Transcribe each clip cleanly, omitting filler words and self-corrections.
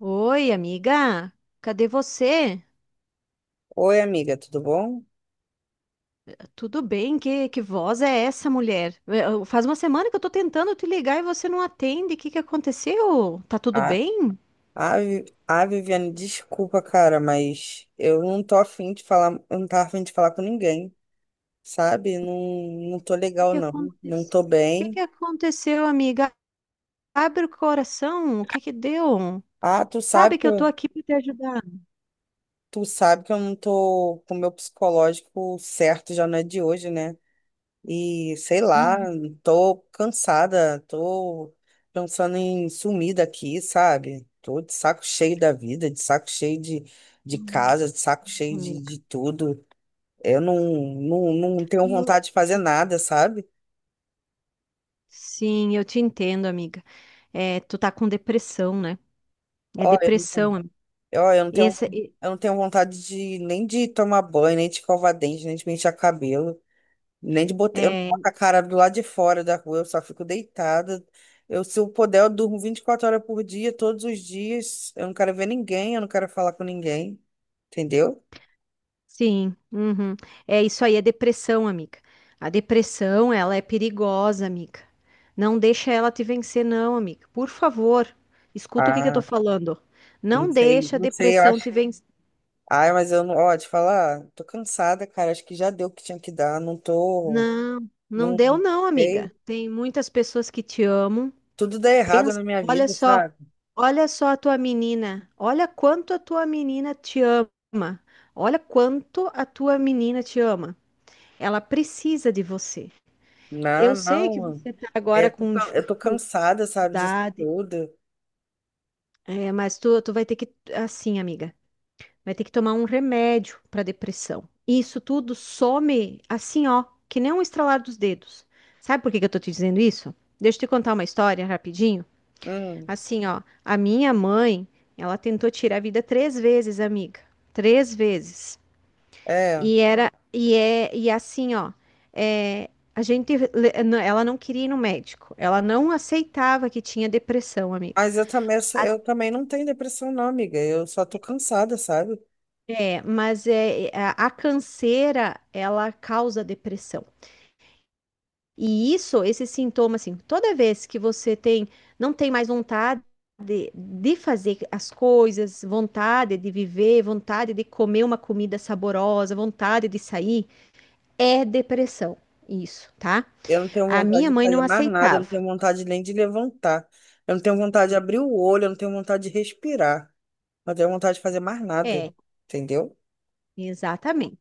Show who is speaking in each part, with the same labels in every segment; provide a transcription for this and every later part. Speaker 1: Oi, amiga. Cadê você?
Speaker 2: Oi, amiga, tudo bom?
Speaker 1: Tudo bem? Que voz é essa, mulher? É, Faz uma semana que eu tô tentando te ligar e você não atende. O que que aconteceu? Tá tudo
Speaker 2: Ah,
Speaker 1: bem? O
Speaker 2: Viviane, desculpa, cara, mas eu não tô afim de falar, eu não tava afim de falar com ninguém, sabe? Não, não tô
Speaker 1: que
Speaker 2: legal,
Speaker 1: que
Speaker 2: não. Não
Speaker 1: aconteceu?
Speaker 2: tô
Speaker 1: O que que
Speaker 2: bem.
Speaker 1: aconteceu, amiga? Abre o coração. O que que deu?
Speaker 2: Ah, tu
Speaker 1: Sabe
Speaker 2: sabe que
Speaker 1: que eu tô
Speaker 2: eu,
Speaker 1: aqui para te ajudar,
Speaker 2: tu sabe que eu não tô com o meu psicológico certo, já não é de hoje, né? E sei lá, tô cansada, tô pensando em sumir daqui, sabe? Tô de saco cheio da vida, de saco cheio de casa, de saco cheio
Speaker 1: amiga.
Speaker 2: de tudo. Eu não, não, não tenho
Speaker 1: E eu-
Speaker 2: vontade de fazer
Speaker 1: e-
Speaker 2: nada, sabe?
Speaker 1: Sim, eu te entendo, amiga. É, tu tá com depressão, né? É
Speaker 2: Ó, eu não
Speaker 1: depressão,
Speaker 2: tenho,
Speaker 1: amiga.
Speaker 2: ó, eu não tenho,
Speaker 1: Esse,
Speaker 2: Eu não tenho vontade de nem de tomar banho, nem de escovar dente, nem de pentear cabelo, nem de botar, eu não boto a cara do lado de fora da rua, eu só fico deitada. Eu, se eu puder, eu durmo 24 horas por dia, todos os dias. Eu não quero ver ninguém, eu não quero falar com ninguém, entendeu?
Speaker 1: Sim, uhum. É isso aí, é depressão, amiga. A depressão, ela é perigosa, amiga. Não deixa ela te vencer, não, amiga. Por favor, escuta o que que eu tô
Speaker 2: Ah,
Speaker 1: falando.
Speaker 2: não
Speaker 1: Não
Speaker 2: sei,
Speaker 1: deixa a
Speaker 2: não sei, eu
Speaker 1: depressão
Speaker 2: acho.
Speaker 1: te vencer.
Speaker 2: Ai, mas eu não, ó, te falar, tô cansada, cara, acho que já deu o que tinha que dar, não tô,
Speaker 1: Não, não
Speaker 2: não,
Speaker 1: deu, não,
Speaker 2: sei.
Speaker 1: amiga. Tem muitas pessoas que te amam.
Speaker 2: Tudo dá errado
Speaker 1: Pensa,
Speaker 2: na minha
Speaker 1: olha
Speaker 2: vida,
Speaker 1: só,
Speaker 2: sabe?
Speaker 1: olha só a tua menina. Olha quanto a tua menina te ama. Olha quanto a tua menina te ama. Ela precisa de você.
Speaker 2: Não,
Speaker 1: Eu sei
Speaker 2: não,
Speaker 1: que
Speaker 2: mano.
Speaker 1: você está agora com
Speaker 2: Eu tô cansada, sabe, disso
Speaker 1: dificuldade,
Speaker 2: tudo.
Speaker 1: é, mas tu vai ter que, assim, amiga, vai ter que tomar um remédio para depressão. Isso tudo some assim, ó, que nem um estralar dos dedos. Sabe por que que eu tô te dizendo isso? Deixa eu te contar uma história rapidinho.
Speaker 2: Hum,
Speaker 1: Assim, ó, a minha mãe, ela tentou tirar a vida três vezes, amiga. Três vezes.
Speaker 2: é.
Speaker 1: E era, e é, e assim, ó, é, a gente, não, ela não queria ir no médico, ela não aceitava que tinha depressão, amiga.
Speaker 2: Mas eu também, eu também não tenho depressão, não, amiga. Eu só tô cansada, sabe?
Speaker 1: É, mas é, a canseira, ela causa depressão. E isso, esse sintoma, assim, toda vez que você tem, não tem mais vontade de fazer as coisas, vontade de viver, vontade de comer uma comida saborosa, vontade de sair, é depressão, isso, tá?
Speaker 2: Eu não tenho
Speaker 1: A
Speaker 2: vontade
Speaker 1: minha
Speaker 2: de
Speaker 1: mãe
Speaker 2: fazer
Speaker 1: não
Speaker 2: mais nada, eu não
Speaker 1: aceitava.
Speaker 2: tenho vontade nem de levantar. Eu não tenho vontade de abrir o olho, eu não tenho vontade de respirar. Eu não tenho vontade de fazer mais nada.
Speaker 1: É,
Speaker 2: Entendeu?
Speaker 1: exatamente.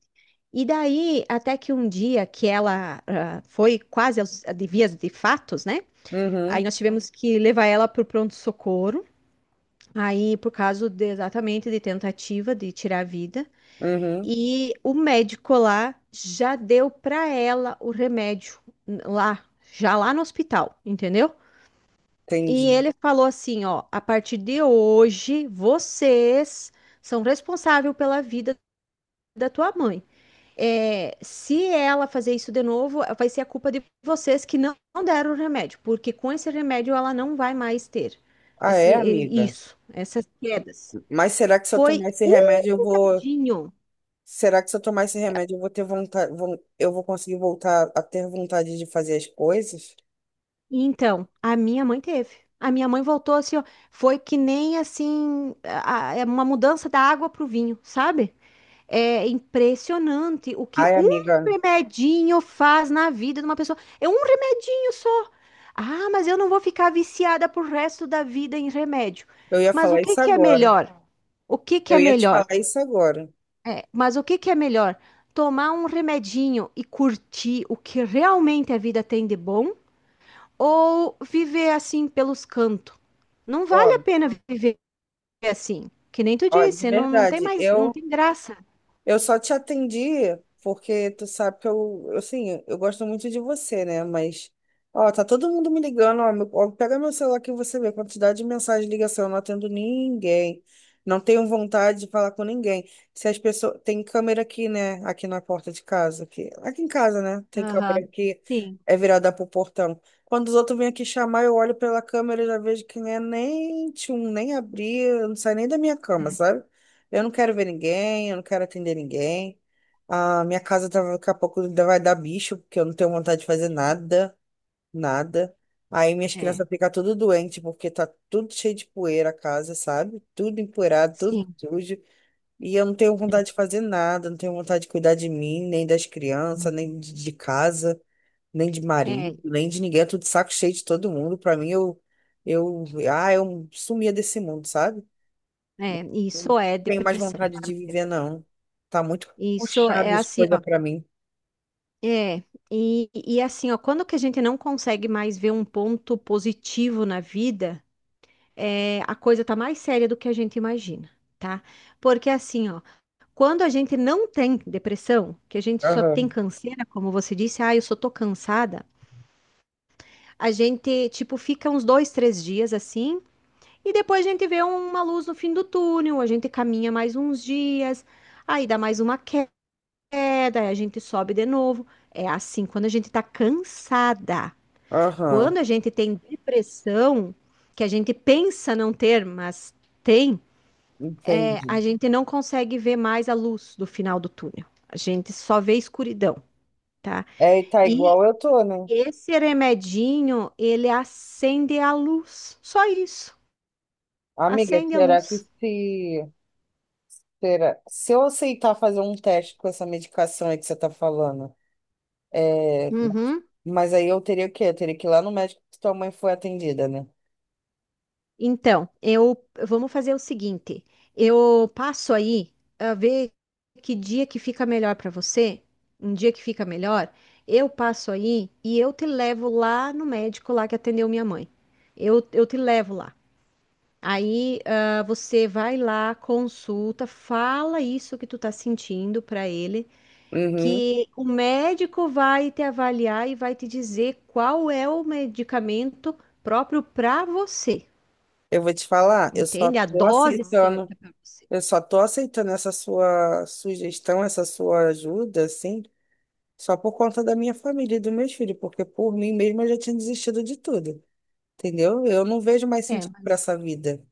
Speaker 1: E daí, até que um dia que ela foi quase de vias de fatos, né? Aí
Speaker 2: Uhum,
Speaker 1: nós tivemos que levar ela para o pronto-socorro, aí por causa exatamente de tentativa de tirar a vida.
Speaker 2: uhum,
Speaker 1: E o médico lá já deu para ela o remédio lá, já lá no hospital, entendeu? E
Speaker 2: entendi.
Speaker 1: ele falou assim, ó, a partir de hoje, vocês são responsáveis pela vida da tua mãe. É, se ela fazer isso de novo, vai ser a culpa de vocês que não deram o remédio, porque com esse remédio ela não vai mais ter
Speaker 2: Ah, é,
Speaker 1: esse-
Speaker 2: amiga?
Speaker 1: isso, essas quedas.
Speaker 2: Mas será que se eu
Speaker 1: Foi
Speaker 2: tomar esse remédio
Speaker 1: um
Speaker 2: eu vou.
Speaker 1: bocadinho.
Speaker 2: Será que se eu tomar esse remédio eu vou ter vontade, eu vou conseguir voltar a ter vontade de fazer as coisas?
Speaker 1: Então, a minha mãe teve. A minha mãe voltou assim, ó, foi que nem assim, é uma mudança da água pro vinho, sabe? É impressionante o que
Speaker 2: Ai,
Speaker 1: um
Speaker 2: amiga,
Speaker 1: remedinho faz na vida de uma pessoa. É um remedinho só. Ah, mas eu não vou ficar viciada pro resto da vida em remédio.
Speaker 2: eu ia
Speaker 1: Mas o
Speaker 2: falar
Speaker 1: que
Speaker 2: isso
Speaker 1: que é
Speaker 2: agora.
Speaker 1: melhor? O que que
Speaker 2: Eu
Speaker 1: é
Speaker 2: ia te
Speaker 1: melhor?
Speaker 2: falar isso agora.
Speaker 1: É, mas o que que é melhor? Tomar um remedinho e curtir o que realmente a vida tem de bom ou viver assim pelos cantos? Não vale a
Speaker 2: Ó,
Speaker 1: pena viver assim. Que nem tu
Speaker 2: ó, de
Speaker 1: disse, não, não tem
Speaker 2: verdade,
Speaker 1: mais, não
Speaker 2: eu
Speaker 1: tem graça.
Speaker 2: Eu só te atendi porque tu sabe que eu, assim, eu gosto muito de você, né? Mas, ó, tá todo mundo me ligando, ó, ó, pega meu celular que você vê a quantidade de mensagem ligação, eu não atendo ninguém. Não tenho vontade de falar com ninguém. Se as pessoas, tem câmera aqui, né? Aqui na porta de casa, aqui, aqui em casa, né? Tem câmera
Speaker 1: Aham.
Speaker 2: aqui,
Speaker 1: Sim.
Speaker 2: é virada pro portão. Quando os outros vêm aqui chamar, eu olho pela câmera e já vejo que não é nem tchum, nem abrir, não sai nem da minha cama, sabe? Eu não quero ver ninguém, eu não quero atender ninguém. A minha casa tá, daqui a pouco ainda vai dar bicho, porque eu não tenho vontade de fazer nada, nada. Aí minhas
Speaker 1: É. É.
Speaker 2: crianças ficam tudo doente, porque tá tudo cheio de poeira a casa, sabe? Tudo empoeirado, tudo
Speaker 1: Sim.
Speaker 2: sujo. E eu não tenho vontade de fazer nada, não tenho vontade de cuidar de mim, nem das crianças,
Speaker 1: Uhum.
Speaker 2: nem de, de casa, nem de
Speaker 1: É,
Speaker 2: marido, nem de ninguém. É tudo saco cheio de todo mundo. Pra mim, eu, ah, eu sumia desse mundo, sabe?
Speaker 1: é,
Speaker 2: Eu não
Speaker 1: isso é
Speaker 2: tenho mais
Speaker 1: depressão,
Speaker 2: vontade
Speaker 1: tá,
Speaker 2: de
Speaker 1: amiga?
Speaker 2: viver, não. Tá muito
Speaker 1: Isso é
Speaker 2: puxado as
Speaker 1: assim, ó.
Speaker 2: coisas pra mim.
Speaker 1: É, e assim, ó, quando que a gente não consegue mais ver um ponto positivo na vida, é, a coisa tá mais séria do que a gente imagina, tá? Porque assim, ó, quando a gente não tem depressão, que a gente só tem
Speaker 2: Aham,
Speaker 1: canseira, como você disse, ah, eu só tô cansada, a gente, tipo, fica uns dois, três dias assim. E depois a gente vê uma luz no fim do túnel, a gente caminha mais uns dias, aí dá mais uma queda, aí a gente sobe de novo. É assim, quando a gente tá cansada,
Speaker 2: aham,
Speaker 1: quando a gente tem depressão, que a gente pensa não ter, mas tem, é,
Speaker 2: entendi.
Speaker 1: a gente não consegue ver mais a luz do final do túnel. A gente só vê escuridão, tá?
Speaker 2: É, e tá
Speaker 1: E
Speaker 2: igual eu tô, né?
Speaker 1: esse remedinho, ele acende a luz, só isso,
Speaker 2: Amiga,
Speaker 1: acende a
Speaker 2: será que
Speaker 1: luz.
Speaker 2: se. Será, se eu aceitar fazer um teste com essa medicação aí que você tá falando, é,
Speaker 1: Uhum.
Speaker 2: mas aí eu teria o quê? Eu teria que ir lá no médico que tua mãe foi atendida, né?
Speaker 1: Então, eu vamos fazer o seguinte. Eu passo aí a ver que dia que fica melhor para você, um dia que fica melhor, eu passo aí e eu te levo lá no médico lá que atendeu minha mãe. Eu te levo lá. Aí, você vai lá, consulta, fala isso que tu tá sentindo para ele,
Speaker 2: Uhum.
Speaker 1: que o médico vai te avaliar e vai te dizer qual é o medicamento próprio para você.
Speaker 2: Eu vou te falar, eu só
Speaker 1: Entende? A
Speaker 2: tô
Speaker 1: dose
Speaker 2: aceitando,
Speaker 1: certa para você.
Speaker 2: eu só tô aceitando essa sua sugestão, essa sua ajuda, assim. Só por conta da minha família e dos meus filhos, porque por mim mesma eu já tinha desistido de tudo, entendeu? Eu não vejo mais
Speaker 1: É,
Speaker 2: sentido para
Speaker 1: mas.
Speaker 2: essa vida.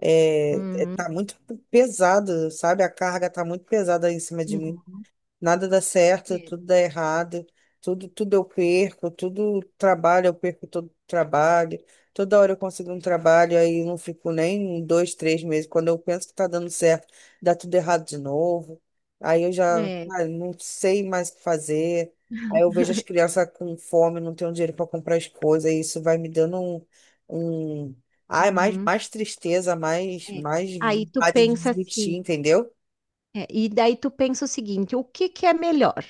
Speaker 1: Uhum,
Speaker 2: Tá muito pesado, sabe? A carga tá muito pesada em cima de mim,
Speaker 1: uhum,
Speaker 2: nada dá certo,
Speaker 1: é,
Speaker 2: tudo dá errado, tudo, tudo eu perco, tudo trabalho, eu perco todo trabalho, toda hora eu consigo um trabalho, aí eu não fico nem um, dois, três meses. Quando eu penso que tá dando certo, dá tudo errado de novo. Aí eu já,
Speaker 1: é,
Speaker 2: ah, não sei mais o que fazer. Aí eu vejo as crianças com fome, não tenho dinheiro para comprar as coisas, e isso vai me dando um, um... Ai,
Speaker 1: uhum,
Speaker 2: mais tristeza,
Speaker 1: é.
Speaker 2: mais
Speaker 1: Aí tu
Speaker 2: vontade de
Speaker 1: pensa
Speaker 2: desistir,
Speaker 1: assim,
Speaker 2: entendeu?
Speaker 1: é, e daí tu pensa o seguinte: o que que é melhor?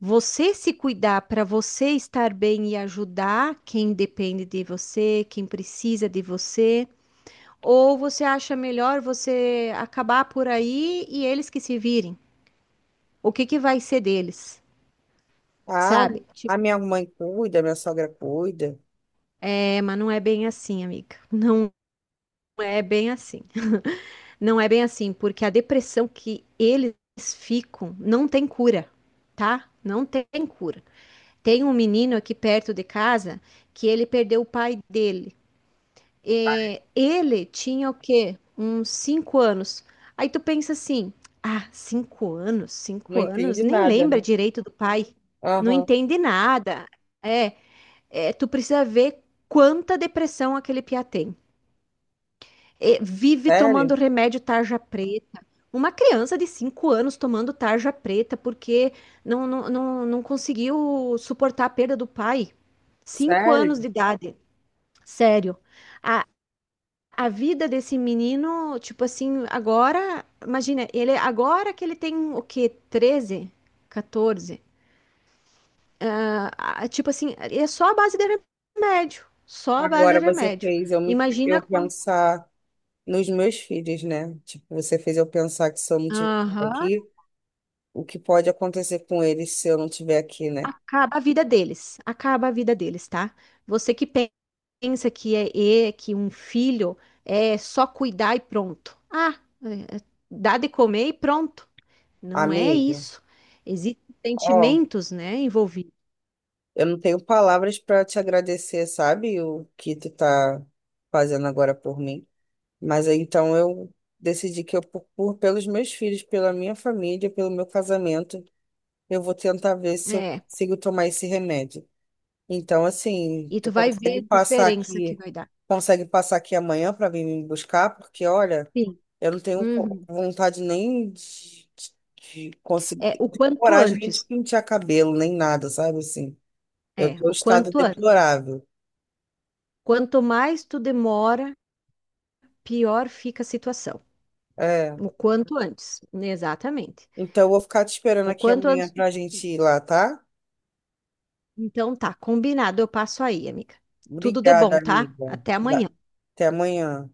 Speaker 1: Você se cuidar para você estar bem e ajudar quem depende de você, quem precisa de você, ou você acha melhor você acabar por aí e eles que se virem? O que que vai ser deles?
Speaker 2: Ah,
Speaker 1: Sabe? Tipo,
Speaker 2: a minha mãe cuida, minha sogra cuida.
Speaker 1: é, mas não é bem assim, amiga. Não é bem assim. Não é bem assim, porque a depressão que eles ficam não tem cura, tá? Não tem cura. Tem um menino aqui perto de casa que ele perdeu o pai dele. E ele tinha o quê? Uns 5 anos. Aí tu pensa assim: ah, 5 anos,
Speaker 2: Não
Speaker 1: 5 anos,
Speaker 2: entende
Speaker 1: nem
Speaker 2: nada,
Speaker 1: lembra
Speaker 2: né?
Speaker 1: direito do pai, não
Speaker 2: Aham.
Speaker 1: entende nada. É, é, tu precisa ver quanta depressão aquele piá tem. E vive tomando
Speaker 2: Sério?
Speaker 1: remédio tarja preta. Uma criança de 5 anos tomando tarja preta porque não, não, não, não conseguiu suportar a perda do pai. 5 anos de
Speaker 2: Sério?
Speaker 1: idade, sério. A, a vida desse menino, tipo assim, agora, imagina, ele agora que ele tem o quê? 13, 14. Ah, tipo assim, é só a base de remédio, só a base de
Speaker 2: Agora você
Speaker 1: remédio.
Speaker 2: fez
Speaker 1: Imagina
Speaker 2: eu
Speaker 1: quando.
Speaker 2: pensar nos meus filhos, né? Tipo, você fez eu pensar que se eu não estiver
Speaker 1: Aham.
Speaker 2: aqui, o que pode acontecer com eles se eu não estiver aqui, né?
Speaker 1: Acaba a vida deles, acaba a vida deles, tá? Você que pensa que é que um filho é só cuidar e pronto. Ah, é dar de comer e pronto. Não é
Speaker 2: Amiga,
Speaker 1: isso. Existem
Speaker 2: ó,
Speaker 1: sentimentos, né, envolvidos.
Speaker 2: eu não tenho palavras para te agradecer, sabe? O que tu tá fazendo agora por mim. Mas aí então eu decidi que eu, pelos meus filhos, pela minha família, pelo meu casamento, eu vou tentar ver se eu
Speaker 1: É,
Speaker 2: consigo tomar esse remédio. Então, assim,
Speaker 1: e
Speaker 2: tu
Speaker 1: tu vai ver a diferença que vai dar.
Speaker 2: consegue passar aqui amanhã para vir me buscar, porque olha,
Speaker 1: Sim.
Speaker 2: eu não tenho co-
Speaker 1: Uhum.
Speaker 2: vontade nem de, de conseguir,
Speaker 1: É o
Speaker 2: de
Speaker 1: quanto
Speaker 2: coragem nem de
Speaker 1: antes.
Speaker 2: pentear cabelo, nem nada, sabe assim. Eu
Speaker 1: É,
Speaker 2: tô em
Speaker 1: o
Speaker 2: estado
Speaker 1: quanto antes.
Speaker 2: deplorável.
Speaker 1: Quanto mais tu demora, pior fica a situação.
Speaker 2: É.
Speaker 1: O quanto antes, né, exatamente.
Speaker 2: Então, eu vou ficar te esperando
Speaker 1: O
Speaker 2: aqui
Speaker 1: quanto
Speaker 2: amanhã
Speaker 1: antes.
Speaker 2: pra gente ir lá, tá?
Speaker 1: Então tá, combinado. Eu passo aí, amiga. Tudo de
Speaker 2: Obrigada,
Speaker 1: bom, tá?
Speaker 2: amiga.
Speaker 1: Até
Speaker 2: Da-
Speaker 1: amanhã.
Speaker 2: Até amanhã.